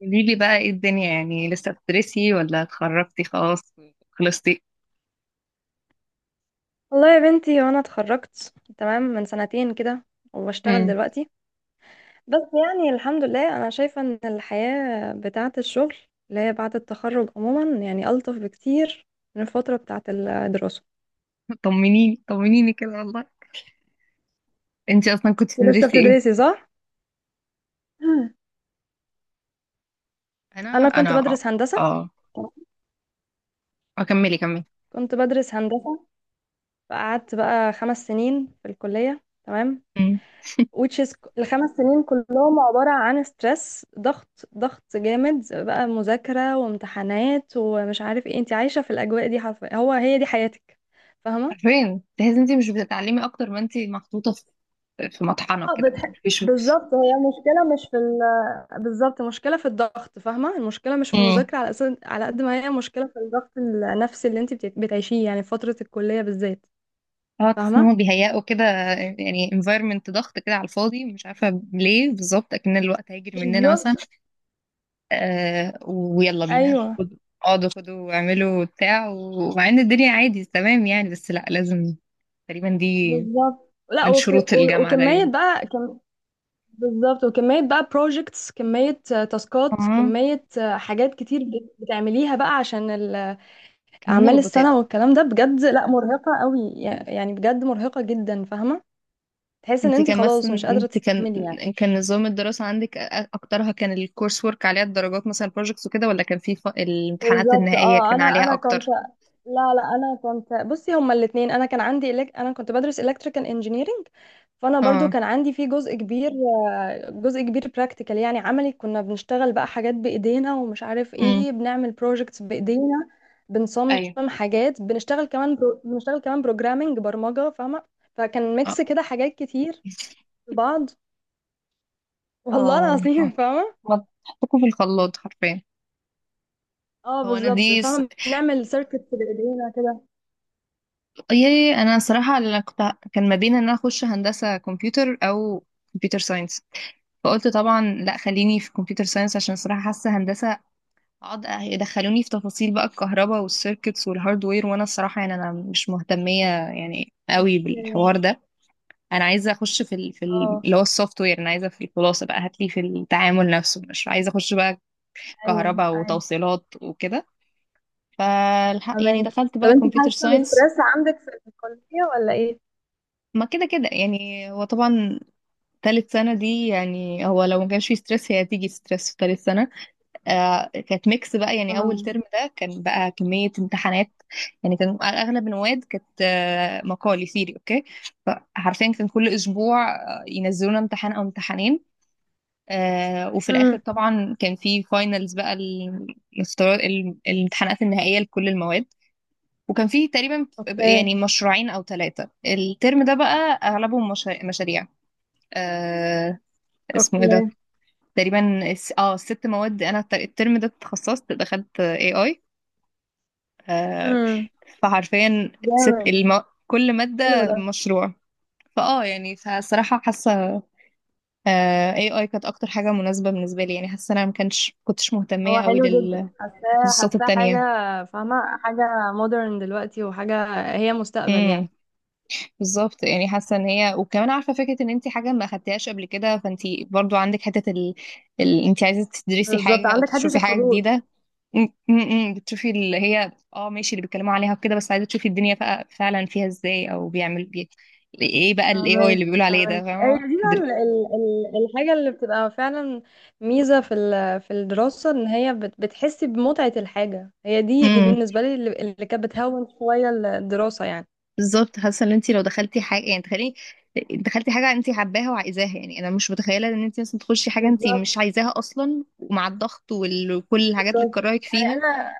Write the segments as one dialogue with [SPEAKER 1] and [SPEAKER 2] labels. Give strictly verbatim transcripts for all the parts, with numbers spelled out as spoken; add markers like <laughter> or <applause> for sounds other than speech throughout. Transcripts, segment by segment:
[SPEAKER 1] قولي لي بقى ايه الدنيا؟ يعني لسه بتدرسي ولا اتخرجتي خلاص؟ خلصتي؟
[SPEAKER 2] والله يا بنتي، وانا اتخرجت تمام من سنتين كده وبشتغل
[SPEAKER 1] امم.
[SPEAKER 2] دلوقتي. بس يعني الحمد لله انا شايفة ان الحياة بتاعة الشغل اللي هي بعد التخرج عموما يعني ألطف بكتير من الفترة بتاعة الدراسة.
[SPEAKER 1] طمنيني طمنيني كده والله. انتي اصلا كنت
[SPEAKER 2] انتي لسه
[SPEAKER 1] بتدرسي ايه؟
[SPEAKER 2] بتدرسي صح؟ مم.
[SPEAKER 1] انا
[SPEAKER 2] انا كنت
[SPEAKER 1] انا
[SPEAKER 2] بدرس هندسة.
[SPEAKER 1] اه
[SPEAKER 2] تمام.
[SPEAKER 1] اكملي كملي.
[SPEAKER 2] كنت بدرس هندسة، فقعدت بقى خمس سنين في الكلية. تمام.
[SPEAKER 1] امم.
[SPEAKER 2] which is الخمس سنين كلهم عبارة عن ستريس، ضغط ضغط جامد بقى، مذاكرة وامتحانات ومش عارف ايه، انت عايشة في الأجواء دي حرفيا، هو هي دي حياتك. فاهمة؟
[SPEAKER 1] عارفين، تحسي انتي مش بتتعلمي اكتر ما انتي محطوطه في في مطحنه
[SPEAKER 2] اه
[SPEAKER 1] كده،
[SPEAKER 2] بتح...
[SPEAKER 1] مفيش.
[SPEAKER 2] بالظبط، هي مشكلة مش في ال... بالظبط، مشكلة في الضغط. فاهمة؟ المشكلة مش في
[SPEAKER 1] امم.
[SPEAKER 2] المذاكرة على أساس، على قد ما هي مشكلة في الضغط النفسي اللي انت بت- بتعيشيه يعني في فترة الكلية بالذات.
[SPEAKER 1] اه تحس ان
[SPEAKER 2] فاهمة؟
[SPEAKER 1] هم بيهيئوا كده، يعني environment ضغط كده على الفاضي، مش عارفه ليه بالظبط، اكن الوقت هيجري مننا مثلا.
[SPEAKER 2] بالظبط.
[SPEAKER 1] آه، ويلا بينا
[SPEAKER 2] ايوه،
[SPEAKER 1] خد- اقعدوا خدوا واعملوا بتاع، ومع ان الدنيا عادي تمام يعني، بس لا، لازم تقريبا دي
[SPEAKER 2] بالظبط. لا
[SPEAKER 1] من
[SPEAKER 2] وخ...
[SPEAKER 1] شروط
[SPEAKER 2] و...
[SPEAKER 1] الجامعة
[SPEAKER 2] وكمية
[SPEAKER 1] تقريبا.
[SPEAKER 2] بقى كم... بالظبط. وكمية بقى projects، كمية آه، تاسكات،
[SPEAKER 1] اه،
[SPEAKER 2] كمية آه، حاجات كتير بت- بتعمليها بقى عشان ال-
[SPEAKER 1] كاننا
[SPEAKER 2] أعمال
[SPEAKER 1] روبوتات.
[SPEAKER 2] السنة والكلام ده بجد. لا، مرهقة قوي، يع- يعني بجد مرهقة جدا، فاهمة؟ تحس ان
[SPEAKER 1] انت
[SPEAKER 2] انتي
[SPEAKER 1] كان
[SPEAKER 2] خلاص
[SPEAKER 1] مثلا
[SPEAKER 2] مش قادرة
[SPEAKER 1] انت كان
[SPEAKER 2] تستحملي يعني.
[SPEAKER 1] كان نظام الدراسة عندك، أ- اكترها كان الكورس ورك عليها الدرجات، مثلا البروجكتس وكده، ولا كان في ف... الامتحانات
[SPEAKER 2] بالظبط.
[SPEAKER 1] النهائية
[SPEAKER 2] اه
[SPEAKER 1] كان
[SPEAKER 2] انا
[SPEAKER 1] عليها
[SPEAKER 2] انا كنت،
[SPEAKER 1] اكتر؟
[SPEAKER 2] لا لا، انا كنت بصي هما الاثنين، انا كان عندي إلك... انا كنت بدرس electrical engineering. فانا برضو
[SPEAKER 1] اه.
[SPEAKER 2] كان عندي فيه جزء كبير، آه، جزء كبير practical، يعني عملي. كنا بنشتغل بقى حاجات بايدينا ومش عارف
[SPEAKER 1] امم.
[SPEAKER 2] ايه، بنعمل projects بايدينا. بنصمم
[SPEAKER 1] ايوه.
[SPEAKER 2] حاجات، بنشتغل كمان برو... بنشتغل كمان programming، برمجة، فاهمة؟ فكان ميكس
[SPEAKER 1] اه
[SPEAKER 2] كده، حاجات كتير في بعض، والله
[SPEAKER 1] اه.
[SPEAKER 2] العظيم،
[SPEAKER 1] آه.
[SPEAKER 2] فاهمة؟
[SPEAKER 1] حطكم في الخلاط حرفيا.
[SPEAKER 2] اه
[SPEAKER 1] هو انا
[SPEAKER 2] بالظبط،
[SPEAKER 1] دي
[SPEAKER 2] فاهمة، بنعمل circuits بايدينا كده.
[SPEAKER 1] يا انا صراحه، انا كنت، كان ما بين ان انا اخش هندسه كمبيوتر او كمبيوتر ساينس. فقلت طبعا لا، خليني في كمبيوتر ساينس، عشان صراحه حاسه هندسه اقعد يدخلوني في تفاصيل بقى الكهرباء والسيركتس والهاردوير، وانا الصراحه يعني انا مش مهتميه يعني قوي
[SPEAKER 2] اوكي.
[SPEAKER 1] بالحوار ده. انا عايزه اخش في ال... في ال...
[SPEAKER 2] اه،
[SPEAKER 1] اللي هو السوفت وير، انا عايزه في الخلاصه بقى هاتلي في التعامل نفسه، مش عايزه اخش بقى
[SPEAKER 2] ايوه
[SPEAKER 1] كهرباء
[SPEAKER 2] ايوه،
[SPEAKER 1] وتوصيلات وكده. فالحق يعني
[SPEAKER 2] فهماكي.
[SPEAKER 1] دخلت
[SPEAKER 2] طب
[SPEAKER 1] بقى
[SPEAKER 2] انت
[SPEAKER 1] كمبيوتر
[SPEAKER 2] حاسه
[SPEAKER 1] ساينس.
[SPEAKER 2] بستريس عندك في الكليه ولا ايه؟
[SPEAKER 1] ما كده كده يعني، هو طبعا تالت سنة دي يعني، هو لو ما كانش في ستريس، هي هتيجي ستريس في تالت سنة. آه، كانت ميكس بقى، يعني أول
[SPEAKER 2] اه.
[SPEAKER 1] ترم ده كان بقى كمية امتحانات. يعني كان أغلب المواد كانت، آه، مقالي ثيري أوكي. فحرفيا كان كل أسبوع، آه، ينزلونا امتحان أو امتحانين. آه، وفي الآخر
[SPEAKER 2] امم.
[SPEAKER 1] طبعا كان في فاينلز بقى، المستوى، الامتحانات النهائية لكل المواد. وكان فيه تقريبا
[SPEAKER 2] اوكي
[SPEAKER 1] يعني مشروعين أو ثلاثة الترم ده بقى، أغلبهم مشا- مشاريع. آه، اسمه ايه ده.
[SPEAKER 2] اوكي.
[SPEAKER 1] تقريبا الس- اه الست مواد، انا الت- الترم ده اتخصصت دخلت اي اي.
[SPEAKER 2] امم.
[SPEAKER 1] فحرفيا ست
[SPEAKER 2] جامد.
[SPEAKER 1] المو... كل
[SPEAKER 2] حلو
[SPEAKER 1] مادة
[SPEAKER 2] ده.
[SPEAKER 1] مشروع. فاه يعني فصراحة حاسة، اي اي كانت اكتر حاجة مناسبة بالنسبة لي يعني، حاسة انا ما كانش كنتش مهتمية
[SPEAKER 2] هو
[SPEAKER 1] قوي
[SPEAKER 2] حلو جدا، حاساه
[SPEAKER 1] للتخصصات
[SPEAKER 2] حاساه حاجه،
[SPEAKER 1] التانية.
[SPEAKER 2] فاهمه، حاجه مودرن دلوقتي، وحاجه هي مستقبل
[SPEAKER 1] امم.
[SPEAKER 2] يعني.
[SPEAKER 1] بالظبط يعني، حاسة ان هي وكمان عارفة فكرة ان انت حاجة ما اخدتهاش قبل كده، فانت برضو عندك حتة ال... ال... انت عايزة تدرسي
[SPEAKER 2] بالظبط،
[SPEAKER 1] حاجة او
[SPEAKER 2] عندك حته
[SPEAKER 1] تشوفي حاجة
[SPEAKER 2] الفضول.
[SPEAKER 1] جديدة. م- م- م. بتشوفي اللي هي، اه ماشي، اللي بيتكلموا عليها وكده، بس عايزه تشوفي الدنيا فع- فعلا فيها ازاي، او بيعمل بي... ايه بقى الاي اي
[SPEAKER 2] فهمك
[SPEAKER 1] اللي بيقولوا عليه ده؟
[SPEAKER 2] فهمك، ايوه،
[SPEAKER 1] فاهمه
[SPEAKER 2] دي بقى ال-
[SPEAKER 1] تدر-
[SPEAKER 2] ال- ال- الحاجه اللي بتبقى فعلا ميزه في ال- في الدراسه، ان هي بت- بتحسي بمتعه الحاجه. هي دي، دي
[SPEAKER 1] امم.
[SPEAKER 2] بالنسبه لي اللي اللي كانت بتهون شويه الدراسه يعني.
[SPEAKER 1] بالظبط. حاسه ان انت لو دخلتي حاجه يعني، تخيلي دخلتي حاجه انت حباها وعايزاها، يعني انا مش متخيله ان انت مثلا تخشي حاجه انت مش
[SPEAKER 2] بالظبط
[SPEAKER 1] عايزاها اصلا، ومع الضغط وال- وكل الحاجات اللي
[SPEAKER 2] بالظبط،
[SPEAKER 1] تكرهك
[SPEAKER 2] يعني
[SPEAKER 1] فيها.
[SPEAKER 2] انا.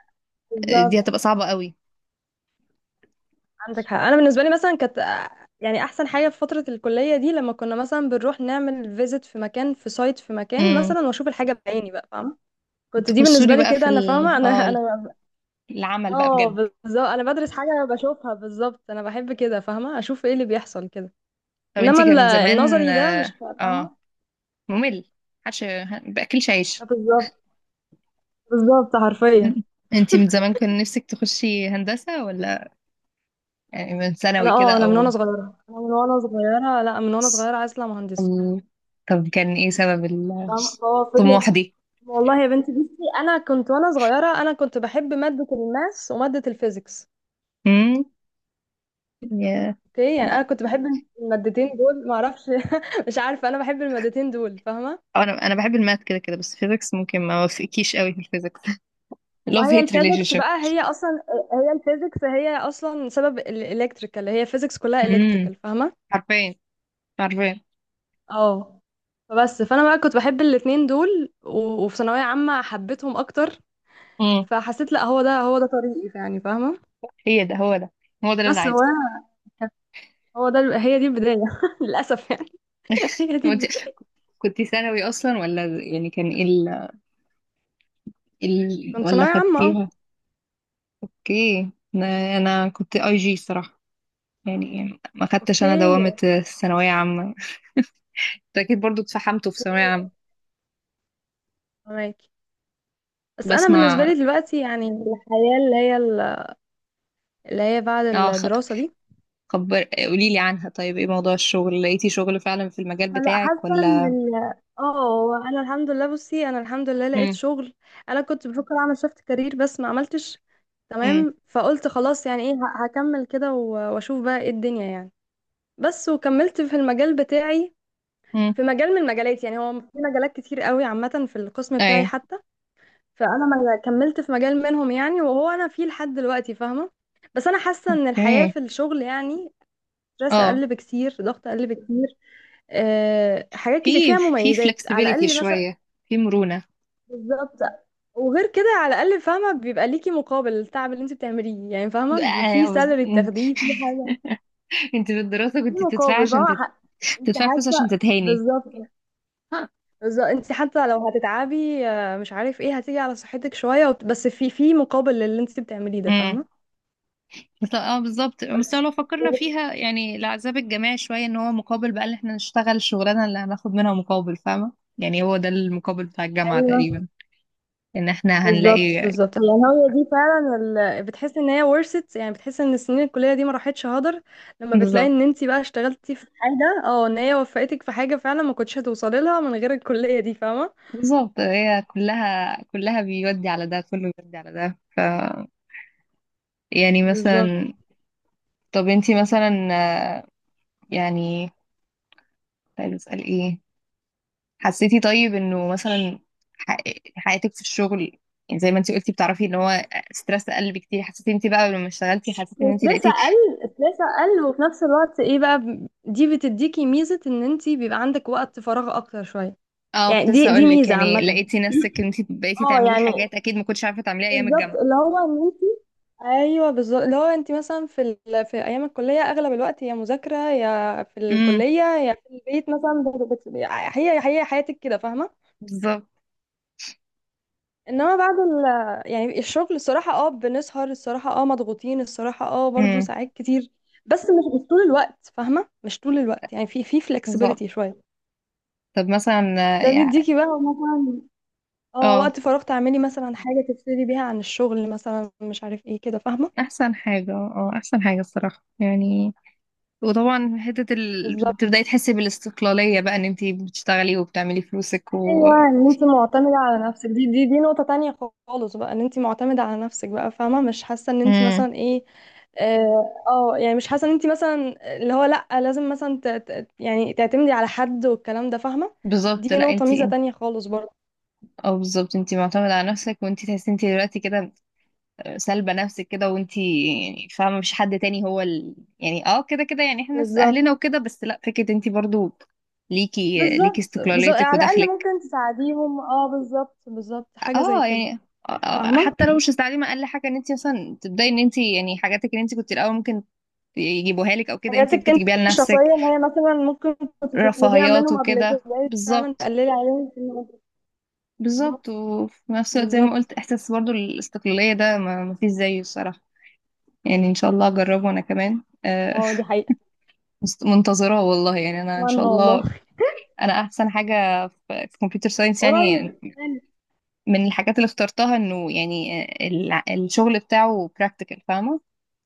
[SPEAKER 1] آه، دي
[SPEAKER 2] بالظبط.
[SPEAKER 1] هتبقى صعبه قوي.
[SPEAKER 2] عندك حق، انا بالنسبه لي مثلا كانت آه، يعني احسن حاجه في فتره الكليه دي لما كنا مثلا بنروح نعمل فيزيت في مكان، في سايت في مكان
[SPEAKER 1] امم.
[SPEAKER 2] مثلا، واشوف الحاجه بعيني بقى، فاهمه؟ كنت دي
[SPEAKER 1] تخشولي
[SPEAKER 2] بالنسبه لي
[SPEAKER 1] بقى في
[SPEAKER 2] كده، انا
[SPEAKER 1] ال...
[SPEAKER 2] فاهمه، انا
[SPEAKER 1] اه
[SPEAKER 2] انا
[SPEAKER 1] العمل بقى
[SPEAKER 2] اه
[SPEAKER 1] بجد.
[SPEAKER 2] بالظبط، انا بدرس حاجه بشوفها. بالظبط، انا بحب كده، فاهمه؟ اشوف ايه اللي بيحصل كده.
[SPEAKER 1] طب انت
[SPEAKER 2] انما
[SPEAKER 1] كان
[SPEAKER 2] ال-
[SPEAKER 1] من زمان،
[SPEAKER 2] النظري ده مش
[SPEAKER 1] اه آه.
[SPEAKER 2] فاهمه.
[SPEAKER 1] ممل، محدش باكلش عيش.
[SPEAKER 2] آه، بالظبط، بالظبط حرفيا.
[SPEAKER 1] <laughs> انتي من زمان كان نفسك تخشي هندسة ولا؟ يعني من
[SPEAKER 2] انا
[SPEAKER 1] ثانوي كده
[SPEAKER 2] اه انا من وانا
[SPEAKER 1] او
[SPEAKER 2] صغيره، انا من وانا صغيره، لا، من وانا صغيره عايزه اطلع مهندسه،
[SPEAKER 1] أم، طب كان ايه سبب
[SPEAKER 2] فاهمه؟ فهو فضل.
[SPEAKER 1] الطموح دي؟
[SPEAKER 2] والله يا بنتي، بصي انا كنت وانا صغيره، انا كنت بحب ماده الماس وماده الفيزيكس.
[SPEAKER 1] امم. يا،
[SPEAKER 2] اوكي، يعني
[SPEAKER 1] لا،
[SPEAKER 2] انا كنت بحب المادتين دول، ما اعرفش. <laughs> مش عارفه، انا بحب المادتين دول، فاهمه.
[SPEAKER 1] انا انا بحب الماث كده كده، بس فيزيكس ممكن ما وافقكيش قوي في الفيزيكس. <laughs>
[SPEAKER 2] ما
[SPEAKER 1] لوف
[SPEAKER 2] هي
[SPEAKER 1] هيت ريليشن
[SPEAKER 2] الفيزيكس
[SPEAKER 1] شيب.
[SPEAKER 2] بقى هي اصلا، هي الفيزيكس هي اصلا سبب الالكتريكال، هي فيزيكس كلها
[SPEAKER 1] امم.
[SPEAKER 2] الكتريكال، فاهمه؟
[SPEAKER 1] عارفين، عارفين.
[SPEAKER 2] اه، فبس، فانا بقى كنت بحب الاتنين دول و- وفي ثانويه عامه حبيتهم اكتر.
[SPEAKER 1] امم.
[SPEAKER 2] فحسيت لا، هو ده، هو ده طريقي يعني، فاهمه؟
[SPEAKER 1] <laughs> هي ده هو ده هو ده اللي انا
[SPEAKER 2] بس هو
[SPEAKER 1] عايزه.
[SPEAKER 2] أنا- هو ده، هي دي البدايه <laughs> للاسف يعني. <laughs> هي دي
[SPEAKER 1] هو انت
[SPEAKER 2] البدايه.
[SPEAKER 1] كنت ثانوي اصلا ولا؟ يعني كان ايه ال... إيه ال...
[SPEAKER 2] كنت
[SPEAKER 1] ولا
[SPEAKER 2] ثانويه عامه اه.
[SPEAKER 1] خدتيها؟ اوكي. انا أنا كنت اي جي صراحه، يعني ما خدتش
[SPEAKER 2] اوكي،
[SPEAKER 1] انا دوامه الثانويه عامه. انت اكيد برضو اتفحمتوا في ثانويه عامه.
[SPEAKER 2] معاكي. بس انا بالنسبه
[SPEAKER 1] بسمع.
[SPEAKER 2] لي دلوقتي يعني الحياه، اللي هي اللي هي بعد
[SPEAKER 1] اه خ-
[SPEAKER 2] الدراسه دي،
[SPEAKER 1] خبر، قولي لي عنها. طيب ايه موضوع الشغل، لقيتي شغل فعلا في المجال
[SPEAKER 2] لا،
[SPEAKER 1] بتاعك
[SPEAKER 2] حاسه ان
[SPEAKER 1] ولا؟
[SPEAKER 2] ال- اه انا الحمد لله. بصي، انا الحمد لله لقيت
[SPEAKER 1] امم،
[SPEAKER 2] شغل. انا كنت بفكر اعمل شفت كارير بس ما عملتش.
[SPEAKER 1] امم،
[SPEAKER 2] تمام، فقلت خلاص، يعني ايه، ه- هكمل كده و- واشوف بقى ايه الدنيا يعني. بس وكملت في المجال بتاعي،
[SPEAKER 1] امم.
[SPEAKER 2] في مجال من المجالات. يعني هو في مجالات كتير قوي عامه في القسم بتاعي
[SPEAKER 1] ايوه.
[SPEAKER 2] حتى. فانا ما كملت في مجال منهم يعني، وهو انا فيه لحد دلوقتي، فاهمه؟ بس انا حاسه ان الحياه
[SPEAKER 1] اوكي.
[SPEAKER 2] في الشغل يعني ستريس
[SPEAKER 1] اه،
[SPEAKER 2] اقل بكتير، ضغط اقل بكتير، آه، حاجات كتير
[SPEAKER 1] في
[SPEAKER 2] فيها
[SPEAKER 1] في
[SPEAKER 2] مميزات على
[SPEAKER 1] فلكسبيليتي
[SPEAKER 2] الاقل مثلا.
[SPEAKER 1] شويه، في مرونه.
[SPEAKER 2] بالظبط. وغير كده على الاقل فاهمه بيبقى ليكي مقابل التعب اللي انت بتعمليه، يعني فاهمه، ب-
[SPEAKER 1] آه،
[SPEAKER 2] في
[SPEAKER 1] أوز-
[SPEAKER 2] سالري
[SPEAKER 1] أمم.
[SPEAKER 2] بتاخديه، في حاجه،
[SPEAKER 1] <laughs> انت في الدراسه
[SPEAKER 2] في
[SPEAKER 1] كنت بتدفعي
[SPEAKER 2] مقابل،
[SPEAKER 1] عشان
[SPEAKER 2] فاهمه؟
[SPEAKER 1] تت...
[SPEAKER 2] ح- انت
[SPEAKER 1] تدفعي فلوس عشان
[SPEAKER 2] حتى،
[SPEAKER 1] تتهاني.
[SPEAKER 2] بالظبط بالظبط، انت حتى لو هتتعبي آه، مش عارف ايه، هتيجي على صحتك شويه، وت- بس في في مقابل للي انت بتعمليه ده،
[SPEAKER 1] امم.
[SPEAKER 2] فاهمه؟
[SPEAKER 1] بس- اه بالظبط، بس
[SPEAKER 2] بس
[SPEAKER 1] لو فكرنا فيها يعني، العذاب الجماعي شوية، ان هو مقابل بقى ان احنا نشتغل الشغلانة اللي هناخد منها مقابل، فاهمة؟ يعني هو ده المقابل بتاع الجامعة
[SPEAKER 2] ايوه
[SPEAKER 1] تقريبا، ان احنا
[SPEAKER 2] بالظبط
[SPEAKER 1] هنلاقي.
[SPEAKER 2] بالظبط، يعني هي دي فعلا ال... بتحس ان هي ورثت، يعني بتحس ان السنين الكليه دي ما راحتش هدر
[SPEAKER 1] <laughs>
[SPEAKER 2] لما بتلاقي
[SPEAKER 1] بالظبط،
[SPEAKER 2] ان انت بقى اشتغلتي في حاجه، اه، ان هي وفقتك في حاجه فعلا ما كنتش هتوصلي لها من غير الكليه دي، فاهمه؟
[SPEAKER 1] بالظبط. هي كلها كلها بيودي على ده، كله بيودي على ده، ف يعني
[SPEAKER 2] بالظبط.
[SPEAKER 1] مثلا. طب انتي مثلا، آه، يعني كنت عايزة اسأل ايه. حسيتي طيب انه مثلا ح- حياتك في الشغل، يعني زي ما انت قلتي بتعرفي ان هو ستريس قل بكتير، حسيتي انت بقى لما اشتغلتي، حسيتي ان انت
[SPEAKER 2] ستريس
[SPEAKER 1] لقيتي؟
[SPEAKER 2] اقل، ستريس اقل، وفي نفس الوقت ايه بقى، ب- دي بتديكي ميزه، ان انت بيبقى عندك وقت فراغ اكتر شويه
[SPEAKER 1] اه، كنت
[SPEAKER 2] يعني. دي
[SPEAKER 1] لسه
[SPEAKER 2] دي
[SPEAKER 1] اقول لك،
[SPEAKER 2] ميزه عامه. <coughs>
[SPEAKER 1] يعني
[SPEAKER 2] <clears throat>
[SPEAKER 1] لقيتي نفسك ان انت بقيتي
[SPEAKER 2] اه
[SPEAKER 1] تعملي
[SPEAKER 2] يعني،
[SPEAKER 1] حاجات اكيد ما كنتش عارفه تعمليها ايام
[SPEAKER 2] بالظبط
[SPEAKER 1] الجامعه؟
[SPEAKER 2] اللي هو ان، ايوه بالظبط، لو انت مثلا في ال... في ايام الكليه اغلب الوقت يا مذاكره يا في
[SPEAKER 1] امم،
[SPEAKER 2] الكليه يا في البيت مثلا، بت... بت... هي هي حياتك كده، فاهمه.
[SPEAKER 1] بالظبط.
[SPEAKER 2] انما بعد ال... يعني الشغل، الصراحه اه بنسهر، الصراحه اه مضغوطين، الصراحه اه برضو
[SPEAKER 1] امم،
[SPEAKER 2] ساعات كتير. بس مش مش طول الوقت، فاهمه، مش طول الوقت يعني، في في
[SPEAKER 1] بالظبط.
[SPEAKER 2] فلكسبيليتي شويه.
[SPEAKER 1] طب مثلا، آه،
[SPEAKER 2] ده
[SPEAKER 1] يعني
[SPEAKER 2] بيديكي بقى مثلا اه
[SPEAKER 1] اه
[SPEAKER 2] وقت فراغ تعملي مثلا حاجه تفصلي بيها عن الشغل مثلا، مش عارف ايه كده، فاهمه؟
[SPEAKER 1] احسن حاجه، اه احسن حاجه الصراحه يعني. وطبعا حته ال...
[SPEAKER 2] بالظبط.
[SPEAKER 1] تبداي تحسي بالاستقلاليه بقى، ان انت بتشتغلي وبتعملي فلوسك و...
[SPEAKER 2] ايوه، ان انت معتمده على نفسك، دي دي دي نقطه تانية خالص بقى، ان انت معتمده على نفسك بقى، فاهمه؟ مش حاسه ان انت
[SPEAKER 1] امم.
[SPEAKER 2] مثلا ايه، اه، آه، يعني مش حاسه ان انت مثلا اللي هو، لا لازم مثلا ت... ت... يعني تعتمدي على حد والكلام ده، فاهمه؟
[SPEAKER 1] بالظبط،
[SPEAKER 2] دي
[SPEAKER 1] لا
[SPEAKER 2] نقطه
[SPEAKER 1] انت،
[SPEAKER 2] ميزه تانية خالص برضه.
[SPEAKER 1] اه بالظبط، انت معتمدة على نفسك. وانت تحسي انت دلوقتي كده، سالبة نفسك كده. وانت يعني فاهمة، مش حد تاني، هو ال... يعني، اه كده كده يعني، احنا ناس
[SPEAKER 2] بالظبط
[SPEAKER 1] اهلنا وكده. بس لا، فكرة انت برضو ليكي ليكي
[SPEAKER 2] بالظبط بالظبط،
[SPEAKER 1] استقلاليتك
[SPEAKER 2] على الاقل
[SPEAKER 1] ودخلك.
[SPEAKER 2] ممكن تساعديهم. اه بالظبط بالظبط، حاجه زي
[SPEAKER 1] اه
[SPEAKER 2] كده،
[SPEAKER 1] يعني اه اه
[SPEAKER 2] فاهمه؟
[SPEAKER 1] حتى لو مش هتتعلمي اقل حاجة، ان انت مثلا تبدأي، ان انت يعني حاجاتك اللي انت كنت الاول ممكن يجيبوها لك او كده، انت
[SPEAKER 2] حاجاتك
[SPEAKER 1] ممكن
[SPEAKER 2] انت
[SPEAKER 1] تجيبيها
[SPEAKER 2] الشخصيه
[SPEAKER 1] لنفسك،
[SPEAKER 2] اللي هي مثلا ممكن كنت تطلبيها
[SPEAKER 1] رفاهيات
[SPEAKER 2] منهم قبل
[SPEAKER 1] وكده،
[SPEAKER 2] كده، بقيت فعلا
[SPEAKER 1] بالظبط.
[SPEAKER 2] تقللي عليهم في الموضوع. بالظبط
[SPEAKER 1] بالظبط. وفي نفس الوقت زي ما
[SPEAKER 2] بالظبط.
[SPEAKER 1] قلت، احساس برضو الاستقلالية ده ما ما فيش زيه الصراحة. يعني ان شاء الله اجربه انا كمان، آه.
[SPEAKER 2] اه، دي حقيقة.
[SPEAKER 1] <laughs> مست- منتظراه والله يعني، انا ان شاء
[SPEAKER 2] اتمنى والله.
[SPEAKER 1] الله. انا احسن حاجه في كمبيوتر
[SPEAKER 2] <laughs>
[SPEAKER 1] ساينس يعني،
[SPEAKER 2] قريب يعني.
[SPEAKER 1] من الحاجات اللي اخترتها انه يعني، آه، الع- الشغل بتاعه براكتيكال، فاهمه؟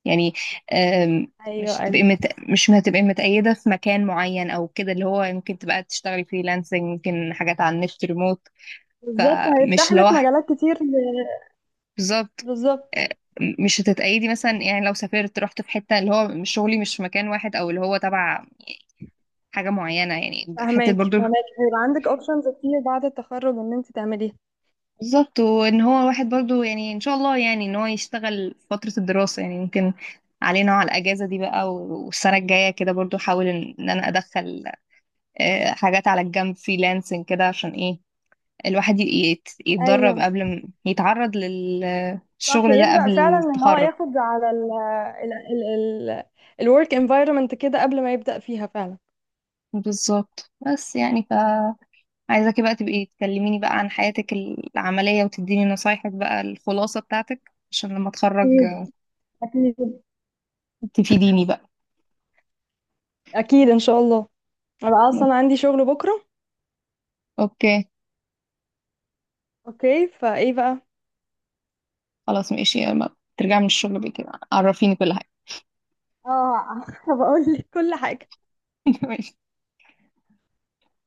[SPEAKER 1] يعني آم،
[SPEAKER 2] ايوه
[SPEAKER 1] مش تبقي
[SPEAKER 2] ايوه،
[SPEAKER 1] مت... مش هتبقي متقيده في مكان معين او كده، اللي هو يمكن تبقى تشتغلي فريلانسنج، يمكن حاجات على النت ريموت.
[SPEAKER 2] بالظبط
[SPEAKER 1] فمش
[SPEAKER 2] هيفتح لك
[SPEAKER 1] لوحدك،
[SPEAKER 2] مجالات كتير ل-
[SPEAKER 1] بالظبط،
[SPEAKER 2] بالظبط،
[SPEAKER 1] آه. مش هتتقيدي مثلا، يعني لو سافرت رحت في حته، اللي هو مش شغلي مش في مكان واحد او اللي هو تبع حاجة معينة، يعني حتة
[SPEAKER 2] فهماكي.
[SPEAKER 1] برضو،
[SPEAKER 2] فهناك هيبقى عندك اوبشنز كتير بعد التخرج ان انت تعمليها.
[SPEAKER 1] بالظبط. وان هو الواحد برضو يعني، ان شاء الله يعني، ان هو يشتغل فترة الدراسة يعني ممكن، علينا على الاجازة دي بقى، و- والسنة الجاية كده برضو احاول ان إن انا ادخل، آه، حاجات على الجنب فريلانسنج كده، عشان ايه الواحد ي- يت- يتدرب
[SPEAKER 2] ايوه،
[SPEAKER 1] قبل ما يتعرض
[SPEAKER 2] صح،
[SPEAKER 1] للشغل ده
[SPEAKER 2] يبدأ
[SPEAKER 1] قبل
[SPEAKER 2] فعلا ان هو
[SPEAKER 1] التخرج.
[SPEAKER 2] ياخد على ال ال ال ال الورك انفايرمنت كده قبل ما يبدأ فيها فعلا.
[SPEAKER 1] بالظبط، بس يعني فعايزاكي بقى تبقي تكلميني بقى عن حياتك العملية، وتديني نصايحك بقى، الخلاصة بتاعتك، عشان لما اتخرج
[SPEAKER 2] اكيد اكيد
[SPEAKER 1] تفيديني بقى.
[SPEAKER 2] اكيد ان شاء الله. انا اصلا عندي شغل بكرة.
[SPEAKER 1] اوكي،
[SPEAKER 2] اوكي، فايه بقى؟
[SPEAKER 1] خلاص ماشي. لما ترجعي من الشغل بقى كده، عرفيني كل حاجة.
[SPEAKER 2] اه <laughs> بقول لك كل حاجة.
[SPEAKER 1] <laughs>